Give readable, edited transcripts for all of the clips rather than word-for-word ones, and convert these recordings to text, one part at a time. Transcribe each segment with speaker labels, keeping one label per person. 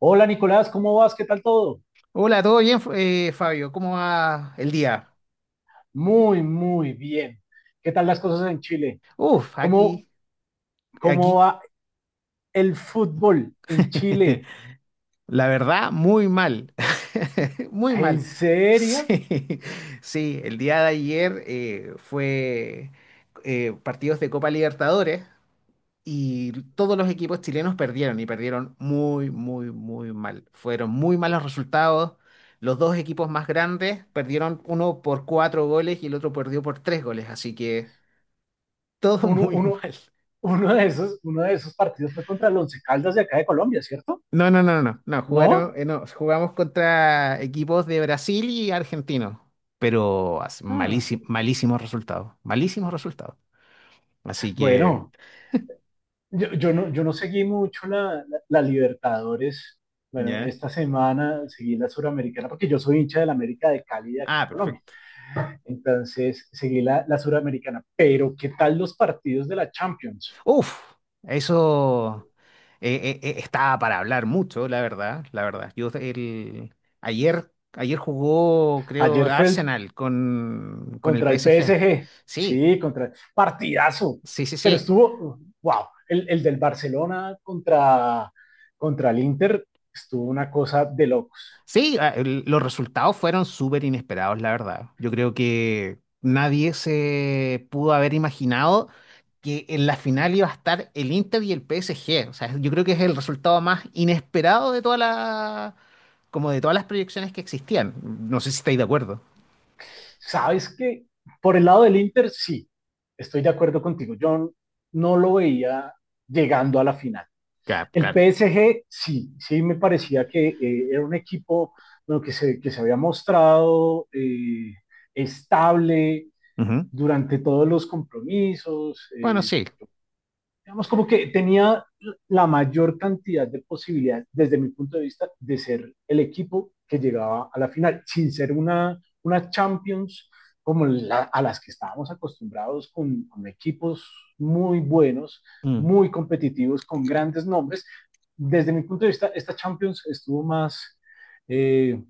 Speaker 1: Hola Nicolás, ¿cómo vas? ¿Qué tal todo?
Speaker 2: Hola, ¿todo bien, Fabio? ¿Cómo va el día?
Speaker 1: Muy, muy bien. ¿Qué tal las cosas en Chile?
Speaker 2: Uf,
Speaker 1: ¿Cómo,
Speaker 2: aquí,
Speaker 1: cómo
Speaker 2: aquí,
Speaker 1: va el fútbol en Chile?
Speaker 2: la verdad, muy mal, muy
Speaker 1: ¿En
Speaker 2: mal.
Speaker 1: serio?
Speaker 2: Sí, sí, el día de ayer fue partidos de Copa Libertadores y todos los equipos chilenos perdieron y perdieron muy, muy, muy mal. Fueron muy malos resultados. Los dos equipos más grandes perdieron uno por cuatro goles y el otro perdió por tres goles, así que todo
Speaker 1: Uno,
Speaker 2: muy
Speaker 1: uno,
Speaker 2: mal.
Speaker 1: uno de esos partidos fue contra el Once Caldas de acá de Colombia, ¿cierto?
Speaker 2: No, no, no, no, no, jugaron,
Speaker 1: ¿No?
Speaker 2: no, jugamos contra equipos de Brasil y argentinos, pero
Speaker 1: Ah,
Speaker 2: malísimos, malísimos resultados, malísimos resultados. Así que,
Speaker 1: bueno, yo no seguí mucho la Libertadores. Bueno,
Speaker 2: ¿ya?
Speaker 1: esta semana seguí la Suramericana porque yo soy hincha de la América de Cali de acá
Speaker 2: Ah,
Speaker 1: de Colombia.
Speaker 2: perfecto.
Speaker 1: Entonces, seguí la suramericana. Pero, ¿qué tal los partidos de la Champions?
Speaker 2: Uf, eso estaba para hablar mucho, la verdad, la verdad. Ayer, ayer jugó, creo,
Speaker 1: Ayer fue
Speaker 2: Arsenal con el
Speaker 1: contra el
Speaker 2: PSG.
Speaker 1: PSG.
Speaker 2: Sí,
Speaker 1: Sí, contra partidazo.
Speaker 2: sí, sí,
Speaker 1: Pero
Speaker 2: sí.
Speaker 1: estuvo, wow, el del Barcelona contra, contra el Inter estuvo una cosa de locos.
Speaker 2: Sí, ah, los resultados fueron súper inesperados, la verdad. Yo creo que nadie se pudo haber imaginado que en la final iba a estar el Inter y el PSG. O sea, yo creo que es el resultado más inesperado de como de todas las proyecciones que existían. No sé si estáis de acuerdo.
Speaker 1: ¿Sabes que Por el lado del Inter, sí, estoy de acuerdo contigo. Yo no lo veía llegando a la final.
Speaker 2: Claro,
Speaker 1: El
Speaker 2: claro.
Speaker 1: PSG sí, sí me parecía que era un equipo bueno, que se había mostrado estable
Speaker 2: Ujú.
Speaker 1: durante todos los compromisos,
Speaker 2: Bueno, sí.
Speaker 1: digamos, como que tenía la mayor cantidad de posibilidades, desde mi punto de vista, de ser el equipo que llegaba a la final, sin ser una Champions como la, a las que estábamos acostumbrados con equipos muy buenos,
Speaker 2: Mm.
Speaker 1: muy competitivos, con grandes nombres. Desde mi punto de vista, esta Champions estuvo más, eh,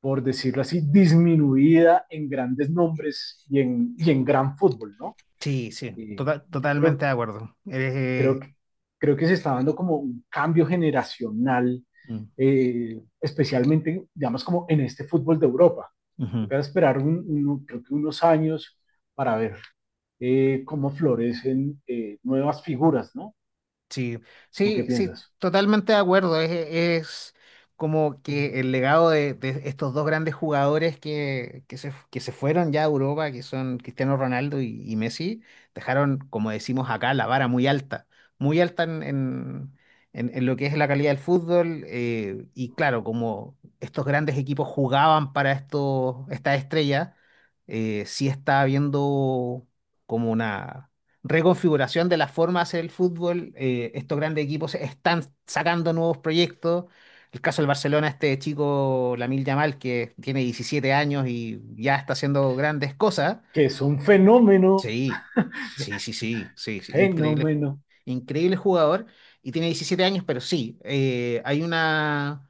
Speaker 1: por decirlo así, disminuida en grandes nombres y en gran fútbol, ¿no?
Speaker 2: Sí, sí,
Speaker 1: Eh,
Speaker 2: total,
Speaker 1: yo
Speaker 2: totalmente
Speaker 1: creo
Speaker 2: de acuerdo. Eres,
Speaker 1: Creo creo que se está dando como un cambio generacional,
Speaker 2: mm.
Speaker 1: especialmente, digamos, como en este fútbol de Europa.
Speaker 2: Ujú.
Speaker 1: Toca esperar creo que unos años para ver cómo florecen nuevas figuras, ¿no?
Speaker 2: Sí,
Speaker 1: ¿Tú qué
Speaker 2: sí, sí,
Speaker 1: piensas?
Speaker 2: totalmente de acuerdo. Es como que el legado de estos dos grandes jugadores que se fueron ya a Europa, que son Cristiano Ronaldo y Messi, dejaron, como decimos acá, la vara muy alta en lo que es la calidad del fútbol. Y claro, como estos grandes equipos jugaban para estas estrellas, sí está habiendo como una reconfiguración de la forma de hacer el fútbol. Estos grandes equipos están sacando nuevos proyectos. El caso del Barcelona, este chico Lamil Yamal, que tiene 17 años y ya está haciendo grandes cosas.
Speaker 1: Que es un fenómeno,
Speaker 2: Sí, sí, sí, sí, sí, sí, increíble,
Speaker 1: fenómeno.
Speaker 2: increíble jugador y tiene 17 años, pero sí, hay una,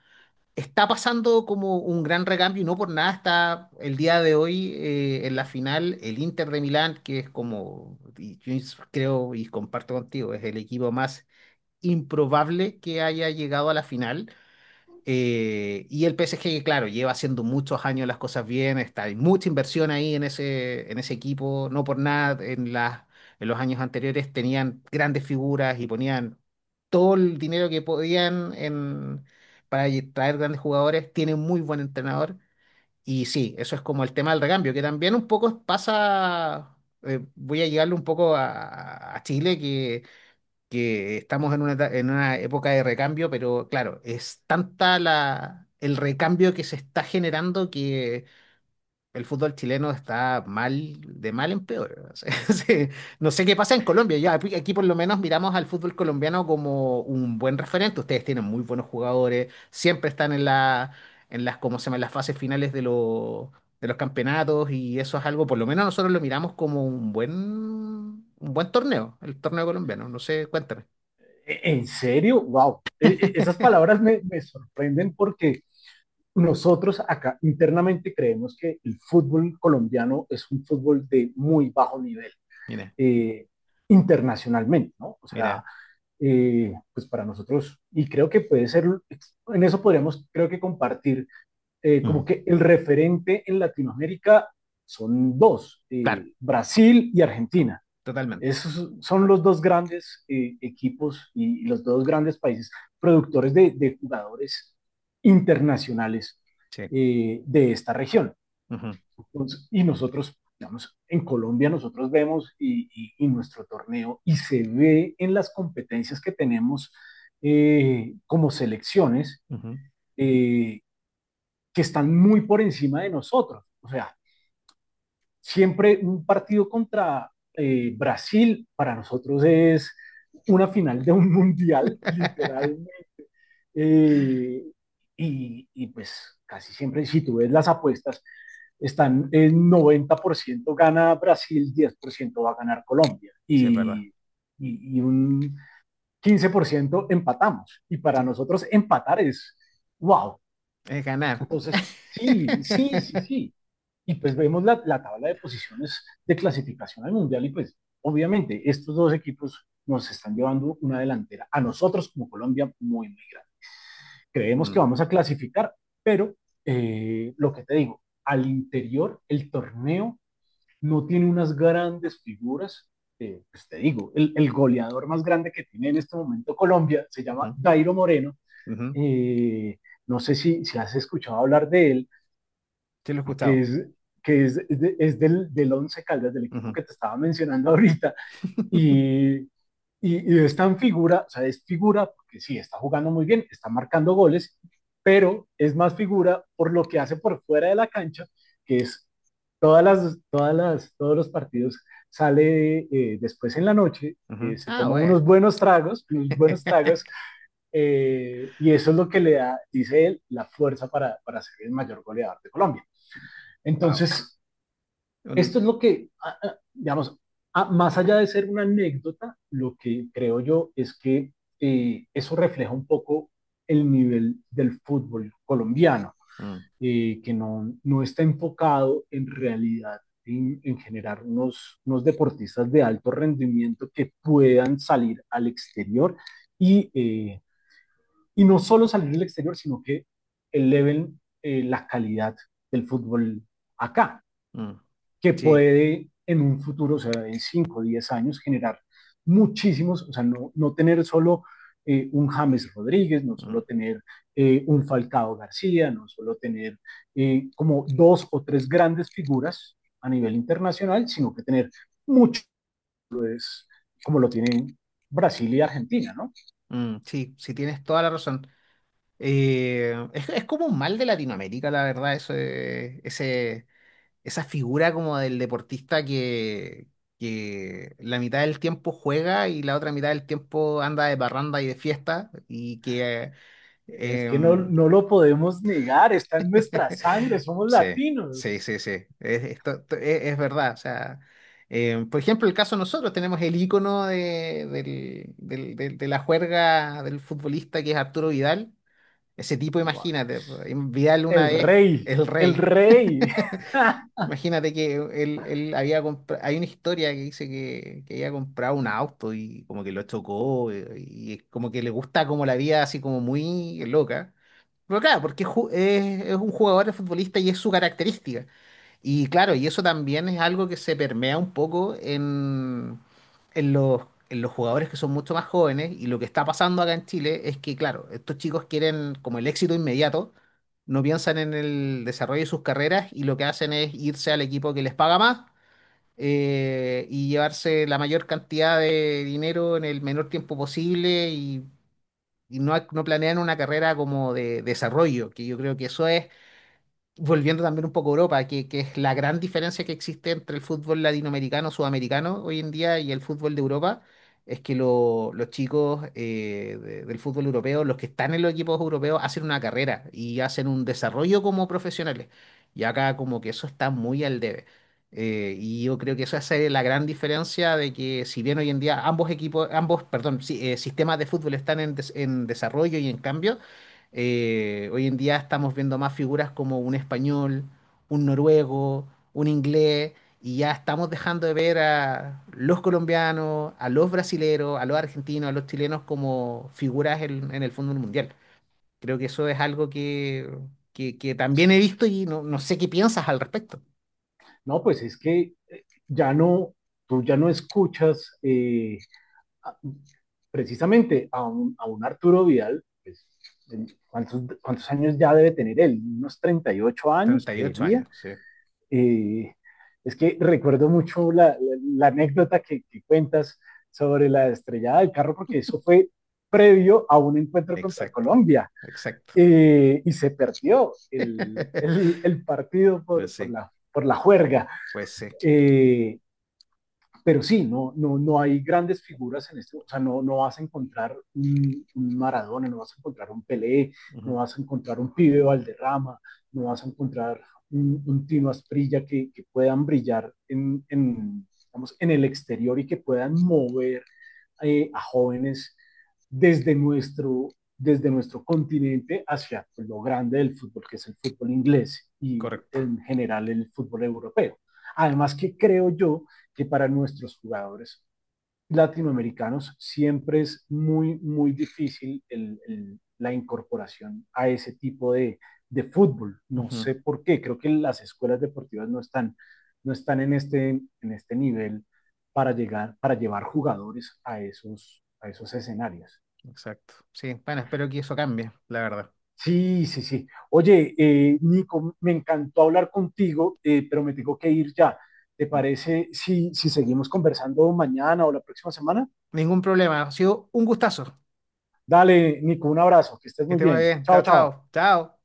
Speaker 2: está pasando como un gran recambio y no por nada está el día de hoy en la final el Inter de Milán, que es como, y yo creo y comparto contigo, es el equipo más improbable que haya llegado a la final. Y el PSG, claro, lleva haciendo muchos años las cosas bien, está, hay mucha inversión ahí en ese equipo, no por nada, en los años anteriores tenían grandes figuras y ponían todo el dinero que podían en, para traer grandes jugadores, tienen muy buen entrenador y sí, eso es como el tema del recambio, que también un poco pasa, voy a llegarle un poco a Chile, que estamos en una, en una época de recambio, pero claro, es tanta el recambio que se está generando que el fútbol chileno está mal, de mal en peor. O sea, sí. No sé qué pasa en Colombia. Ya, aquí por lo menos miramos al fútbol colombiano como un buen referente. Ustedes tienen muy buenos jugadores, siempre están en la, en las, ¿cómo se llama? En las fases finales de los campeonatos y eso es algo, por lo menos nosotros lo miramos como un buen torneo, el torneo colombiano. No sé, cuéntame.
Speaker 1: ¿En serio? ¡Wow! Esas palabras me, me sorprenden porque nosotros acá internamente creemos que el fútbol colombiano es un fútbol de muy bajo nivel.
Speaker 2: Mira,
Speaker 1: eh, Internacionalmente, ¿no? O sea,
Speaker 2: mira.
Speaker 1: pues para nosotros, y creo que puede ser, en eso podríamos, creo que compartir, como
Speaker 2: Mm,
Speaker 1: que el referente en Latinoamérica son dos,
Speaker 2: claro,
Speaker 1: Brasil y Argentina.
Speaker 2: totalmente.
Speaker 1: Esos son los dos grandes equipos los dos grandes países productores de jugadores internacionales
Speaker 2: Sí.
Speaker 1: de esta región.
Speaker 2: Ujú,
Speaker 1: Entonces, y nosotros, digamos, en Colombia nosotros vemos y nuestro torneo y se ve en las competencias que tenemos como selecciones,
Speaker 2: ujú.
Speaker 1: eh, que están muy por encima de nosotros. O sea, siempre un partido contra Brasil para nosotros es una final de un mundial, literalmente. Eh, y, y pues casi siempre, si tú ves las apuestas, están en 90% gana Brasil, 10% va a ganar Colombia
Speaker 2: Sí, es verdad.
Speaker 1: y un 15% empatamos. Y para
Speaker 2: Sí,
Speaker 1: nosotros empatar es wow.
Speaker 2: es ganar.
Speaker 1: Entonces, sí, sí, sí, sí. Y pues vemos la tabla de posiciones de clasificación al Mundial y pues obviamente estos dos equipos nos están llevando una delantera a nosotros como Colombia muy, muy grande. Creemos que
Speaker 2: Mm,
Speaker 1: vamos a clasificar, pero lo que te digo, al interior el torneo no tiene unas grandes figuras. Pues te digo, goleador más grande que tiene en este momento Colombia se llama Dairo Moreno.
Speaker 2: ujú, ujú.
Speaker 1: Eh, no sé si, si has escuchado hablar de él,
Speaker 2: Sí, lo he
Speaker 1: que
Speaker 2: escuchado.
Speaker 1: es, que es, de, es del Once Caldas, del equipo
Speaker 2: Ujú,
Speaker 1: que te estaba mencionando ahorita. Y, y, y está en figura, o sea, es figura porque sí, está jugando muy bien, está marcando goles, pero es más figura por lo que hace por fuera de la cancha, que es todos los partidos sale después en la noche,
Speaker 2: ujú.
Speaker 1: se
Speaker 2: Ah,
Speaker 1: toma
Speaker 2: bueno.
Speaker 1: unos buenos tragos, y eso es lo que le da, dice él, la fuerza para ser el mayor goleador de Colombia.
Speaker 2: Wow.
Speaker 1: Entonces, esto es lo que, digamos, más allá de ser una anécdota, lo que creo yo es que eso refleja un poco el nivel del fútbol colombiano, que no, no está enfocado en realidad en generar unos deportistas de alto rendimiento que puedan salir al exterior y, eh, y no solo salir al exterior, sino que eleven la calidad del fútbol acá, que
Speaker 2: Sí.
Speaker 1: puede en un futuro, o sea, en 5 o 10 años, generar muchísimos, o sea, no, no tener solo un James Rodríguez, no
Speaker 2: Mm,
Speaker 1: solo tener un Falcao García, no solo tener como dos o tres grandes figuras a nivel internacional, sino que tener muchos, como lo tienen Brasil y Argentina, ¿no?
Speaker 2: mm, sí, sí, tienes toda la razón. Es como un mal de Latinoamérica, la verdad, eso, esa figura como del deportista que la mitad del tiempo juega y la otra mitad del tiempo anda de barranda y de fiesta y que...
Speaker 1: Es que no,
Speaker 2: em,
Speaker 1: no lo podemos negar, está en nuestra sangre, somos
Speaker 2: sí, sí,
Speaker 1: latinos.
Speaker 2: sí, sí, es es verdad. O sea, por ejemplo, el caso de nosotros tenemos el ícono de la juerga del futbolista que es Arturo Vidal. Ese tipo, imagínate, Vidal una
Speaker 1: El
Speaker 2: vez,
Speaker 1: rey,
Speaker 2: el
Speaker 1: el
Speaker 2: rey.
Speaker 1: rey.
Speaker 2: Imagínate que él había comprado, hay una historia que dice que había comprado un auto y como que lo chocó es como que le gusta como la vida así como muy loca. Pero claro, porque es un jugador de futbolista y es su característica. Y claro, y eso también es algo que se permea un poco en los, en los jugadores que son mucho más jóvenes. Y lo que está pasando acá en Chile es que, claro, estos chicos quieren como el éxito inmediato, no piensan en el desarrollo de sus carreras y lo que hacen es irse al equipo que les paga más y llevarse la mayor cantidad de dinero en el menor tiempo posible y no, no planean una carrera como de desarrollo, que yo creo que eso es volviendo también un poco a Europa, que es la gran diferencia que existe entre el fútbol latinoamericano, sudamericano hoy en día y el fútbol de Europa, es que los chicos del fútbol europeo, los que están en los equipos europeos, hacen una carrera y hacen un desarrollo como profesionales. Y acá como que eso está muy al debe. Y yo creo que esa es la gran diferencia de que si bien hoy en día ambos, perdón, sí, sistemas de fútbol están en desarrollo y en cambio, hoy en día estamos viendo más figuras como un español, un noruego, un inglés, y ya estamos dejando de ver a los colombianos, a los brasileros, a los argentinos, a los chilenos como figuras en el fútbol mundial. Creo que eso es algo que también he
Speaker 1: Sí.
Speaker 2: visto y no, no sé qué piensas al respecto.
Speaker 1: No, pues es que tú ya no escuchas a- precisamente a a un Arturo Vidal, pues, ¿cuántos, cuántos años ya debe tener él? Unos 38 años,
Speaker 2: Treinta y ocho
Speaker 1: creería.
Speaker 2: años, sí,
Speaker 1: Eh, es que recuerdo mucho la anécdota que cuentas sobre la estrellada del carro, porque eso fue previo a un encuentro contra
Speaker 2: exacto,
Speaker 1: Colombia,
Speaker 2: exacto.
Speaker 1: y se perdió el partido
Speaker 2: Pues sí,
Speaker 1: por la juerga.
Speaker 2: pues sí,
Speaker 1: Eh, pero sí, no, no, no hay grandes figuras en esto, o sea, no, no vas a encontrar un Maradona, no vas a encontrar un Pelé, no
Speaker 2: ujú,
Speaker 1: vas a encontrar un Pibe Valderrama, no vas a encontrar un Tino Asprilla que puedan brillar en, digamos, en el exterior y que puedan mover a jóvenes desde nuestro, desde nuestro continente hacia pues, lo grande del fútbol, que es el fútbol inglés y
Speaker 2: correcto,
Speaker 1: en general el fútbol europeo. Además que creo yo que para nuestros jugadores latinoamericanos, siempre es muy, muy difícil la incorporación a ese tipo de, fútbol. No
Speaker 2: ujú,
Speaker 1: sé por qué, creo que las escuelas deportivas no están, no están en este nivel para, llegar, para llevar jugadores a esos escenarios.
Speaker 2: exacto. Sí, bueno, espero que eso cambie, la verdad.
Speaker 1: Sí, sí, sí. Oye, Nico, me encantó hablar contigo, pero me tengo que ir ya. ¿Te parece si, si seguimos conversando mañana o la próxima semana?
Speaker 2: Ningún problema. Ha sido un gustazo.
Speaker 1: Dale, Nico, un abrazo, que estés
Speaker 2: Que
Speaker 1: muy
Speaker 2: esté muy
Speaker 1: bien.
Speaker 2: bien.
Speaker 1: Chao,
Speaker 2: Chao,
Speaker 1: chao.
Speaker 2: chao. Chao.